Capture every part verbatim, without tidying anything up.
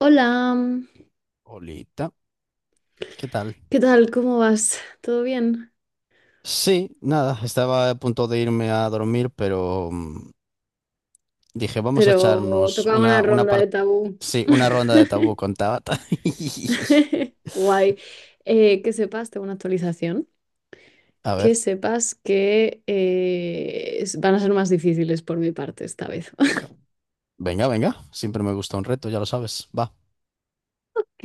Hola, Olita, ¿qué tal? ¿qué tal? ¿Cómo vas? ¿Todo bien? Sí, nada, estaba a punto de irme a dormir, pero mm, dije, vamos a Pero echarnos tocaba una una, una ronda de par- tabú. sí, una ronda de tabú con Tabata. Guay. Eh, que sepas, tengo una actualización. A Que ver, sepas que eh, es- van a ser más difíciles por mi parte esta vez. venga, venga, siempre me gusta un reto, ya lo sabes, va. Ok.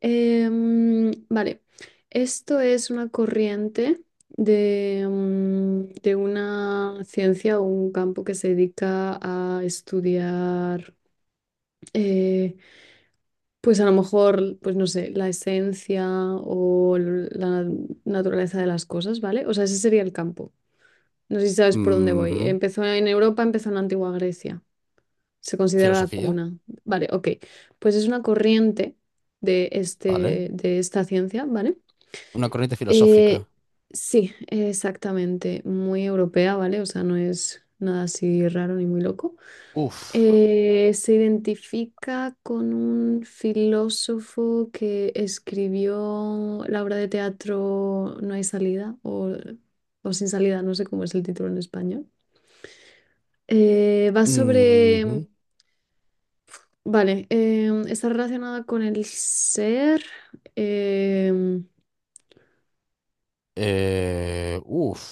em, Vale. Esto es una corriente de, mm, de una ciencia o un campo que se dedica a estudiar. eh, Pues a lo mejor, pues no sé, la esencia o l- la na- naturaleza de las cosas, ¿vale? O sea, ese sería el campo. No sé si sabes por dónde voy. Ujú. Empezó en Europa, empezó en la antigua Grecia. Se considera la Filosofía, cuna. Vale, ok. Pues es una corriente de, vale. este, de esta ciencia, ¿vale? Una corriente Eh, filosófica. sí, exactamente. Muy europea, ¿vale? O sea, no es nada así raro ni muy loco. Uf. Eh, se identifica con un filósofo que escribió la obra de teatro No hay salida o, o Sin salida, no sé cómo es el título en español. Eh, va sobre, Ujú. vale, em, está relacionada con el ser, em, Eh, uf.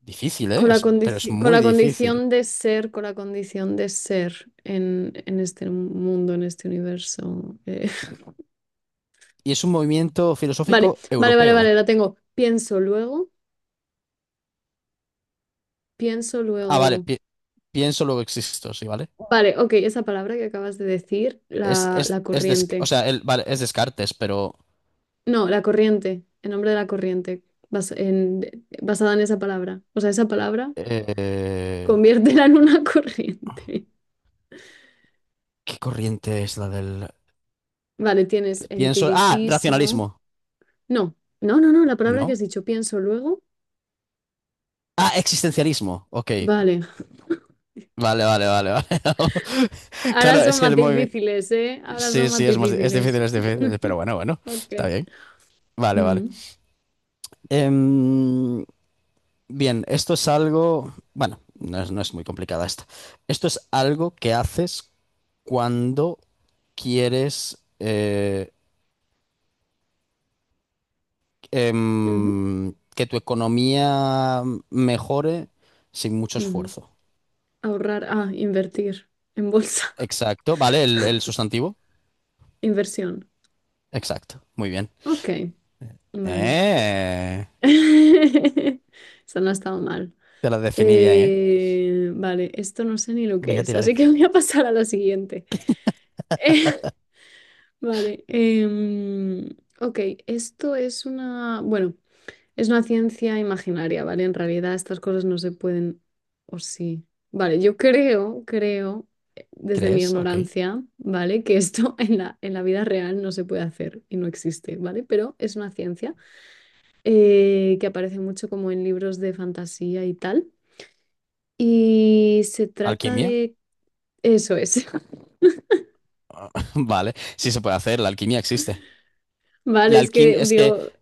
Difícil, ¿eh? con la Es- pero es condici- con muy la difícil. condición de ser, con la condición de ser en, en este mundo, en este universo. eh. Y es un movimiento Vale, filosófico vale, vale, vale, europeo. la tengo. Pienso luego. Pienso Ah, vale, luego. pienso, luego existo, sí, ¿vale? Vale, ok, esa palabra que acabas de decir, Es, la, es, la es des- o corriente. sea, el- vale, es Descartes, pero No, la corriente, el nombre de la corriente, bas- en- de- basada en esa palabra. O sea, esa palabra, eh, conviértela en una corriente. ¿qué corriente es la del...? Vale, tienes Pienso... Ah, empiricismo. racionalismo, No, no, no, no, la palabra que has ¿no? dicho, pienso luego. Ah, existencialismo, ok. Vale, Vale, vale, vale, vale. ahora Claro, es son que más el movimiento... difíciles, ¿eh? Ahora Sí, son más sí, es más, es difícil, difíciles. es difícil, pero bueno, bueno, Ok. está bien. Vale, vale. Mm, Em, Bien, esto es algo, bueno, no es, no es muy complicada esta. Esto es algo que haces cuando quieres eh, ujú, em, que tu economía mejore sin mucho ujú. esfuerzo. Ahorrar, ah, invertir en bolsa, Exacto, ¿vale? El, el sustantivo. inversión. Exacto, muy bien. Ok. Vale. Eh, Eso no ha estado mal. te la definí bien, ¿eh? Eh, vale, esto no sé ni lo que Venga, es, tírale. así que voy a pasar a la siguiente. Vale. Em, ok, esto es una, bueno, es una ciencia imaginaria, ¿vale? En realidad estas cosas no se pueden, o sí. Vale, yo creo, creo, eh, desde mi ¿Crees? Ok. ignorancia, ¿vale? Que esto en la, en la vida real no se puede hacer y no existe, ¿vale? Pero es una ciencia. Eh, que aparece mucho como en libros de fantasía y tal. Y se trata ¿Alquimia? de... Eso es. Vale, sí se puede hacer, la alquimia existe. Vale, La es que alquimia, es que, digo,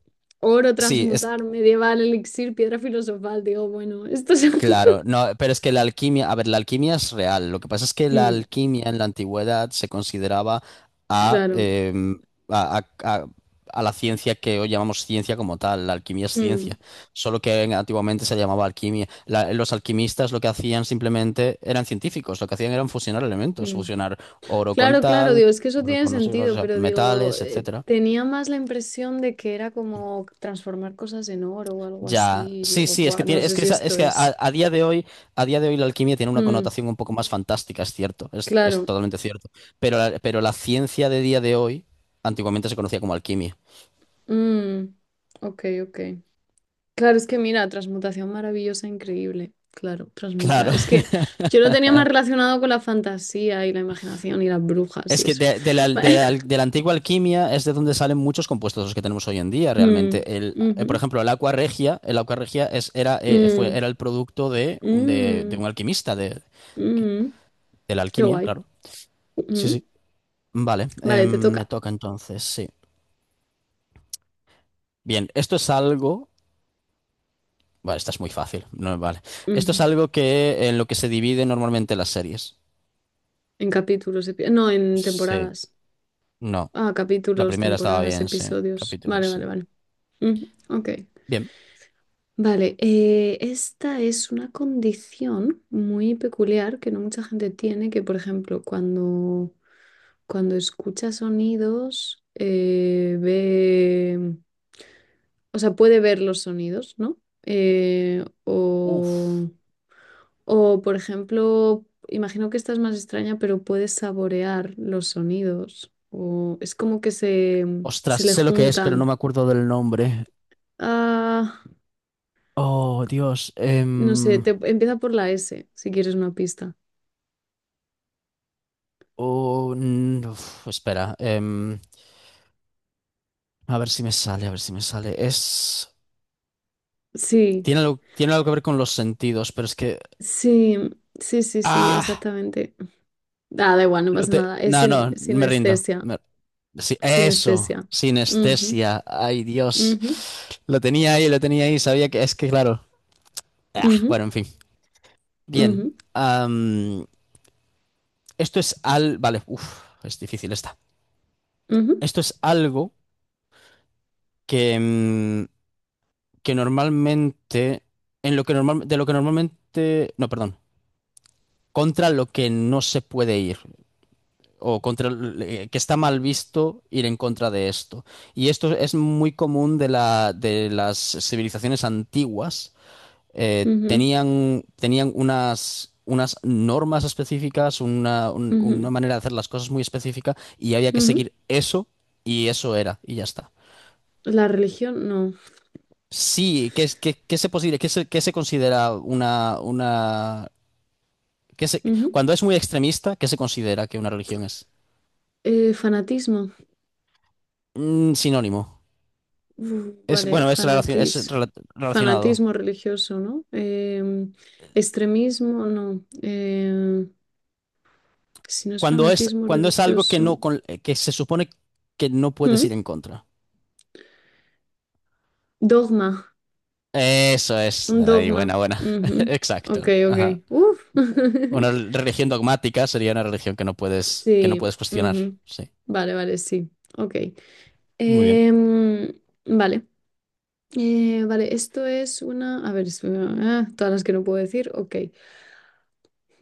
oro sí, es. transmutar, medieval, elixir, piedra filosofal. Digo, bueno, esto es... Claro, no, pero es que la alquimia, a ver, la alquimia es real. Lo que pasa es que la Mm, alquimia en la antigüedad se consideraba a, claro. em, a, a- a- a la ciencia que hoy llamamos ciencia como tal. La alquimia es Mm, ciencia, solo que en- antiguamente se llamaba alquimia. La- los alquimistas lo que hacían simplemente eran científicos, lo que hacían eran fusionar elementos, mm. fusionar oro con Claro, claro, digo, tal, es que eso oro tiene con no sé, o sentido, sea, pero digo, metales, eh, etcétera. tenía más la impresión de que era como transformar cosas en oro o algo Ya, así. sí, Digo, sí, es que "Buah, no tiene, es sé que si esa- esto es que es... a, a día de hoy, a día de hoy la alquimia tiene una Mm, connotación un poco más fantástica, es cierto, es, es claro. totalmente cierto. Pero la, pero la ciencia de día de hoy, antiguamente se conocía como alquimia. Mm, ok, ok. Claro, es que mira, transmutación maravillosa, increíble. Claro, transmuta. Claro, Es que yo lo tenía más relacionado con la fantasía y la imaginación y las brujas y es que eso. de, de la, de Vale. la- de la antigua alquimia es de donde salen muchos compuestos los que tenemos hoy en día, Mm, realmente. El, eh, por ujú, ejemplo, el aqua regia, el aqua regia es, era, eh, fue, mm, era el producto de, un- de, de mm, un alquimista, de, mm, de la qué alquimia, guay. claro. Sí, sí. Ujú. Vale, Vale, te em, me toca. toca entonces, sí. Bien, esto es algo. Vale, esta es muy fácil. No, vale. Esto es Ujú. algo que en lo que se divide normalmente las series. En capítulos, epi- no, en Sí. temporadas. No, Ah, la capítulos, primera estaba temporadas, bien, sí. episodios. Vale, Capítulos, vale, sí. vale. Ujú, ok. Bien. Vale, eh, esta es una condición muy peculiar que no mucha gente tiene, que por ejemplo cuando, cuando escucha sonidos, eh, ve, o sea, puede ver los sonidos, ¿no? Eh, Uf. o, o por ejemplo, imagino que esta es más extraña, pero puede saborear los sonidos, o es como que se, Ostras, se le sé lo que es, pero no juntan. me acuerdo del nombre. Ah, Oh, Dios. no sé, em, te, empieza por la S, si quieres una pista. Oh, mm, uf, espera. Em, a ver si me sale, a ver si me sale. Es. Sí. Tiene algo, tiene algo que ver con los sentidos, pero es que. Sí, sí, sí, sí, ¡Ah! exactamente. Ah, da igual, no No pasa te- nada. Es No, sin, no, me rindo. sinestesia, Me- sí, eso, sinestesia. Ujú, sinestesia. Ay, Dios. ujú, Lo tenía ahí, lo tenía ahí. Sabía que es que, claro. Ah, ujú, bueno, en fin. Bien. ujú, am, Esto es al... Vale, uf, es difícil esta. ujú, Esto es algo que, mm, que normalmente... En lo que normal, de lo que normalmente... No, perdón. Contra lo que no se puede ir. O contra el- eh, que está mal visto ir en contra de esto. Y esto es muy común de la, de las civilizaciones antiguas. Eh, ujú, tenían, tenían unas, unas normas específicas, una, un- una ujú, manera de hacer las cosas muy específica y había que ujú. seguir eso y eso era y ya está. La religión, no. Sí, ¿qué, es- qué, qué se posible, qué se, ¿qué se considera una, una, qué se- Ujú. cuando es muy extremista, qué se considera que una religión es? Eh, fanatismo. Mm, sinónimo. Uf, Es, vale, bueno, es, relaci- es fanatis, rela- relacionado. fanatismo religioso, ¿no? Em, extremismo, no. Em, si no es Cuando es, fanatismo cuando es algo que religioso. no, con- eh, que se supone que no puedes ¿Mm? ir en contra. Dogma. Eso es. Un Ahí, buena, dogma. buena. Ujú. Ok, Exacto. Ajá. ok. Uf. Una religión dogmática sería una religión que no puedes, que no Sí. puedes cuestionar. Ujú. Sí. Vale, vale, sí. Ok. Muy bien. Em, vale. Eh, vale, esto es una... A ver, es- ah, todas las que no puedo decir. Ok.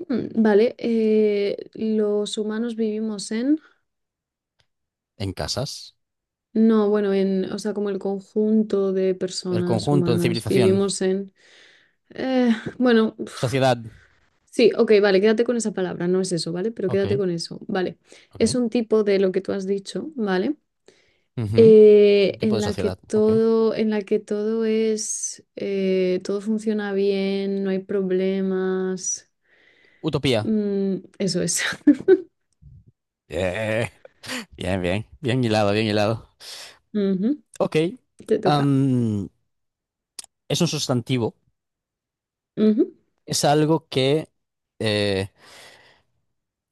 Mm, vale. Eh, los humanos vivimos en... En casas. No, bueno, en... O sea, como el conjunto de El personas conjunto, en humanas. civilización. Vivimos en... eh, bueno, Sociedad. Sí, ok, vale, quédate con esa palabra, no es eso, ¿vale? Pero Ok, quédate con eso, ¿vale? Es ok. un tipo de lo que tú has dicho, ¿vale? Ujú. Eh, Tipo En de la que sociedad. Ok. todo, en la que todo es, eh, todo funciona bien, no hay problemas. Utopía. Mm, eso es. Eh, Bien, bien. Bien hilado, bien hilado. Ujú, Ok. te toca. Am, es un sustantivo. Ujú. Es algo que... eh,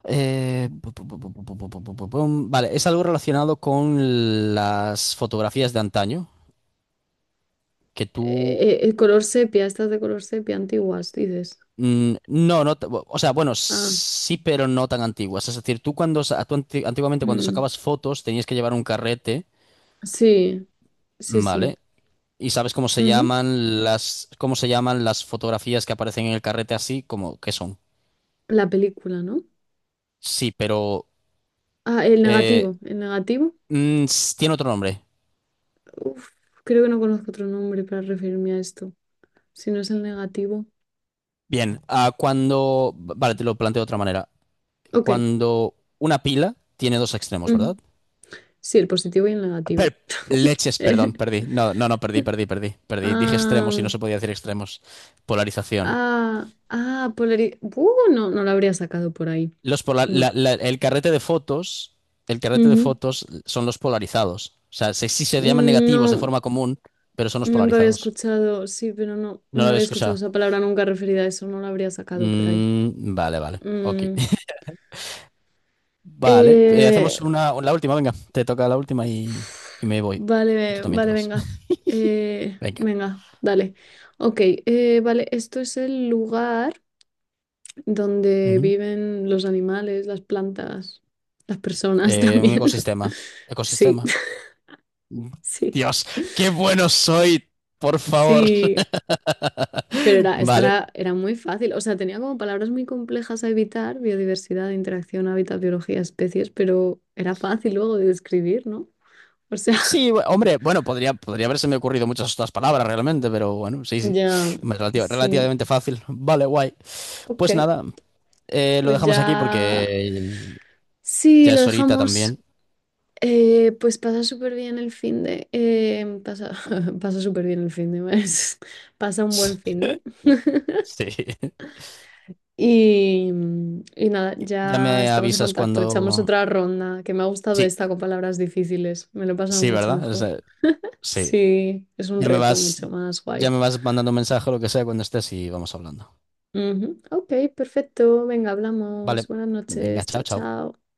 eh, pu- pu- pu- pu- pu- pu- pu- pu- pu- pum. Vale, es algo relacionado con las fotografías de antaño, que tú... Eh, el color sepia, estas de color sepia antiguas, dices. mm, No, no, t- o sea, bueno, Ah, sí, pero no tan antiguas. Es decir, tú cuando, sa- tú anti- antiguamente cuando mm, sacabas fotos tenías que llevar un carrete, sí, sí, sí. ¿vale? Y sabes cómo se Ujú. llaman las, cómo se llaman las fotografías que aparecen en el carrete así, como, ¿qué son? La película, ¿no? Sí, pero Ah, el eh, negativo, el negativo. mm, s- tiene otro nombre. Uf, creo que no conozco otro nombre para referirme a esto. Si no es el negativo. Bien, ah, cuando... Vale, te lo planteo de otra manera. Ok. Cuando una pila tiene dos extremos, Ujú. ¿verdad? Sí, el positivo y el negativo. Per- leches, perdón, perdí. No, no, no, perdí, perdí, perdí, perdí. Dije extremos y Ah, no se podía decir extremos. Polarización. ah, ah, polari- Uh, no, no lo habría sacado por ahí. Los pola- No. la- la- El carrete de fotos, el carrete de Ujú. fotos son los polarizados. O sea, se- sí se llaman Mm, negativos de no, forma común, pero son los nunca había polarizados. escuchado. Sí, pero no, No lo no había había escuchado escuchado. esa palabra nunca referida a eso. No la habría sacado por ahí. Mm, vale, vale. Ok. Mm, Vale, eh, eh, hacemos una, la última, venga, te toca la última y, y me voy. Y tú Vale, también te vale, vas. venga. Eh, Venga. Venga, dale. Ok, eh, vale, esto es el lugar donde Ujú. viven los animales, las plantas, las personas Eh, un también. ecosistema. Sí, Ecosistema. sí, Dios, qué bueno soy, por favor. sí. Pero era, esta Vale. era, era muy fácil. O sea, tenía como palabras muy complejas a evitar, biodiversidad, interacción, hábitat, biología, especies, pero era fácil luego de describir, ¿no? O sea, Sí, bu- hombre, bueno, podría, podría haberse me ocurrido muchas otras palabras realmente, pero bueno, sí, sí. ya, Relativa- sí. Relativamente fácil. Vale, guay. Ok, Pues nada, eh, lo pues dejamos aquí ya, porque sí, ya lo es horita dejamos. también. Eh, pues pasa súper bien el fin de... eh, pasa pasa súper bien el fin de mes. Pasa un buen fin de... Sí. Y, y nada, Ya ya me estamos en avisas contacto. Echamos cuando... otra ronda, que me ha gustado Sí, esta con palabras difíciles. Me lo he pasado sí, mucho ¿verdad? Es mejor. De- sí. Sí, es un Ya me reto vas, mucho más ya guay. me vas mandando un mensaje o lo que sea cuando estés y vamos hablando. Ujú, ok, perfecto. Venga, hablamos. Vale. Buenas Venga, noches. chao, Chao, chao. chao.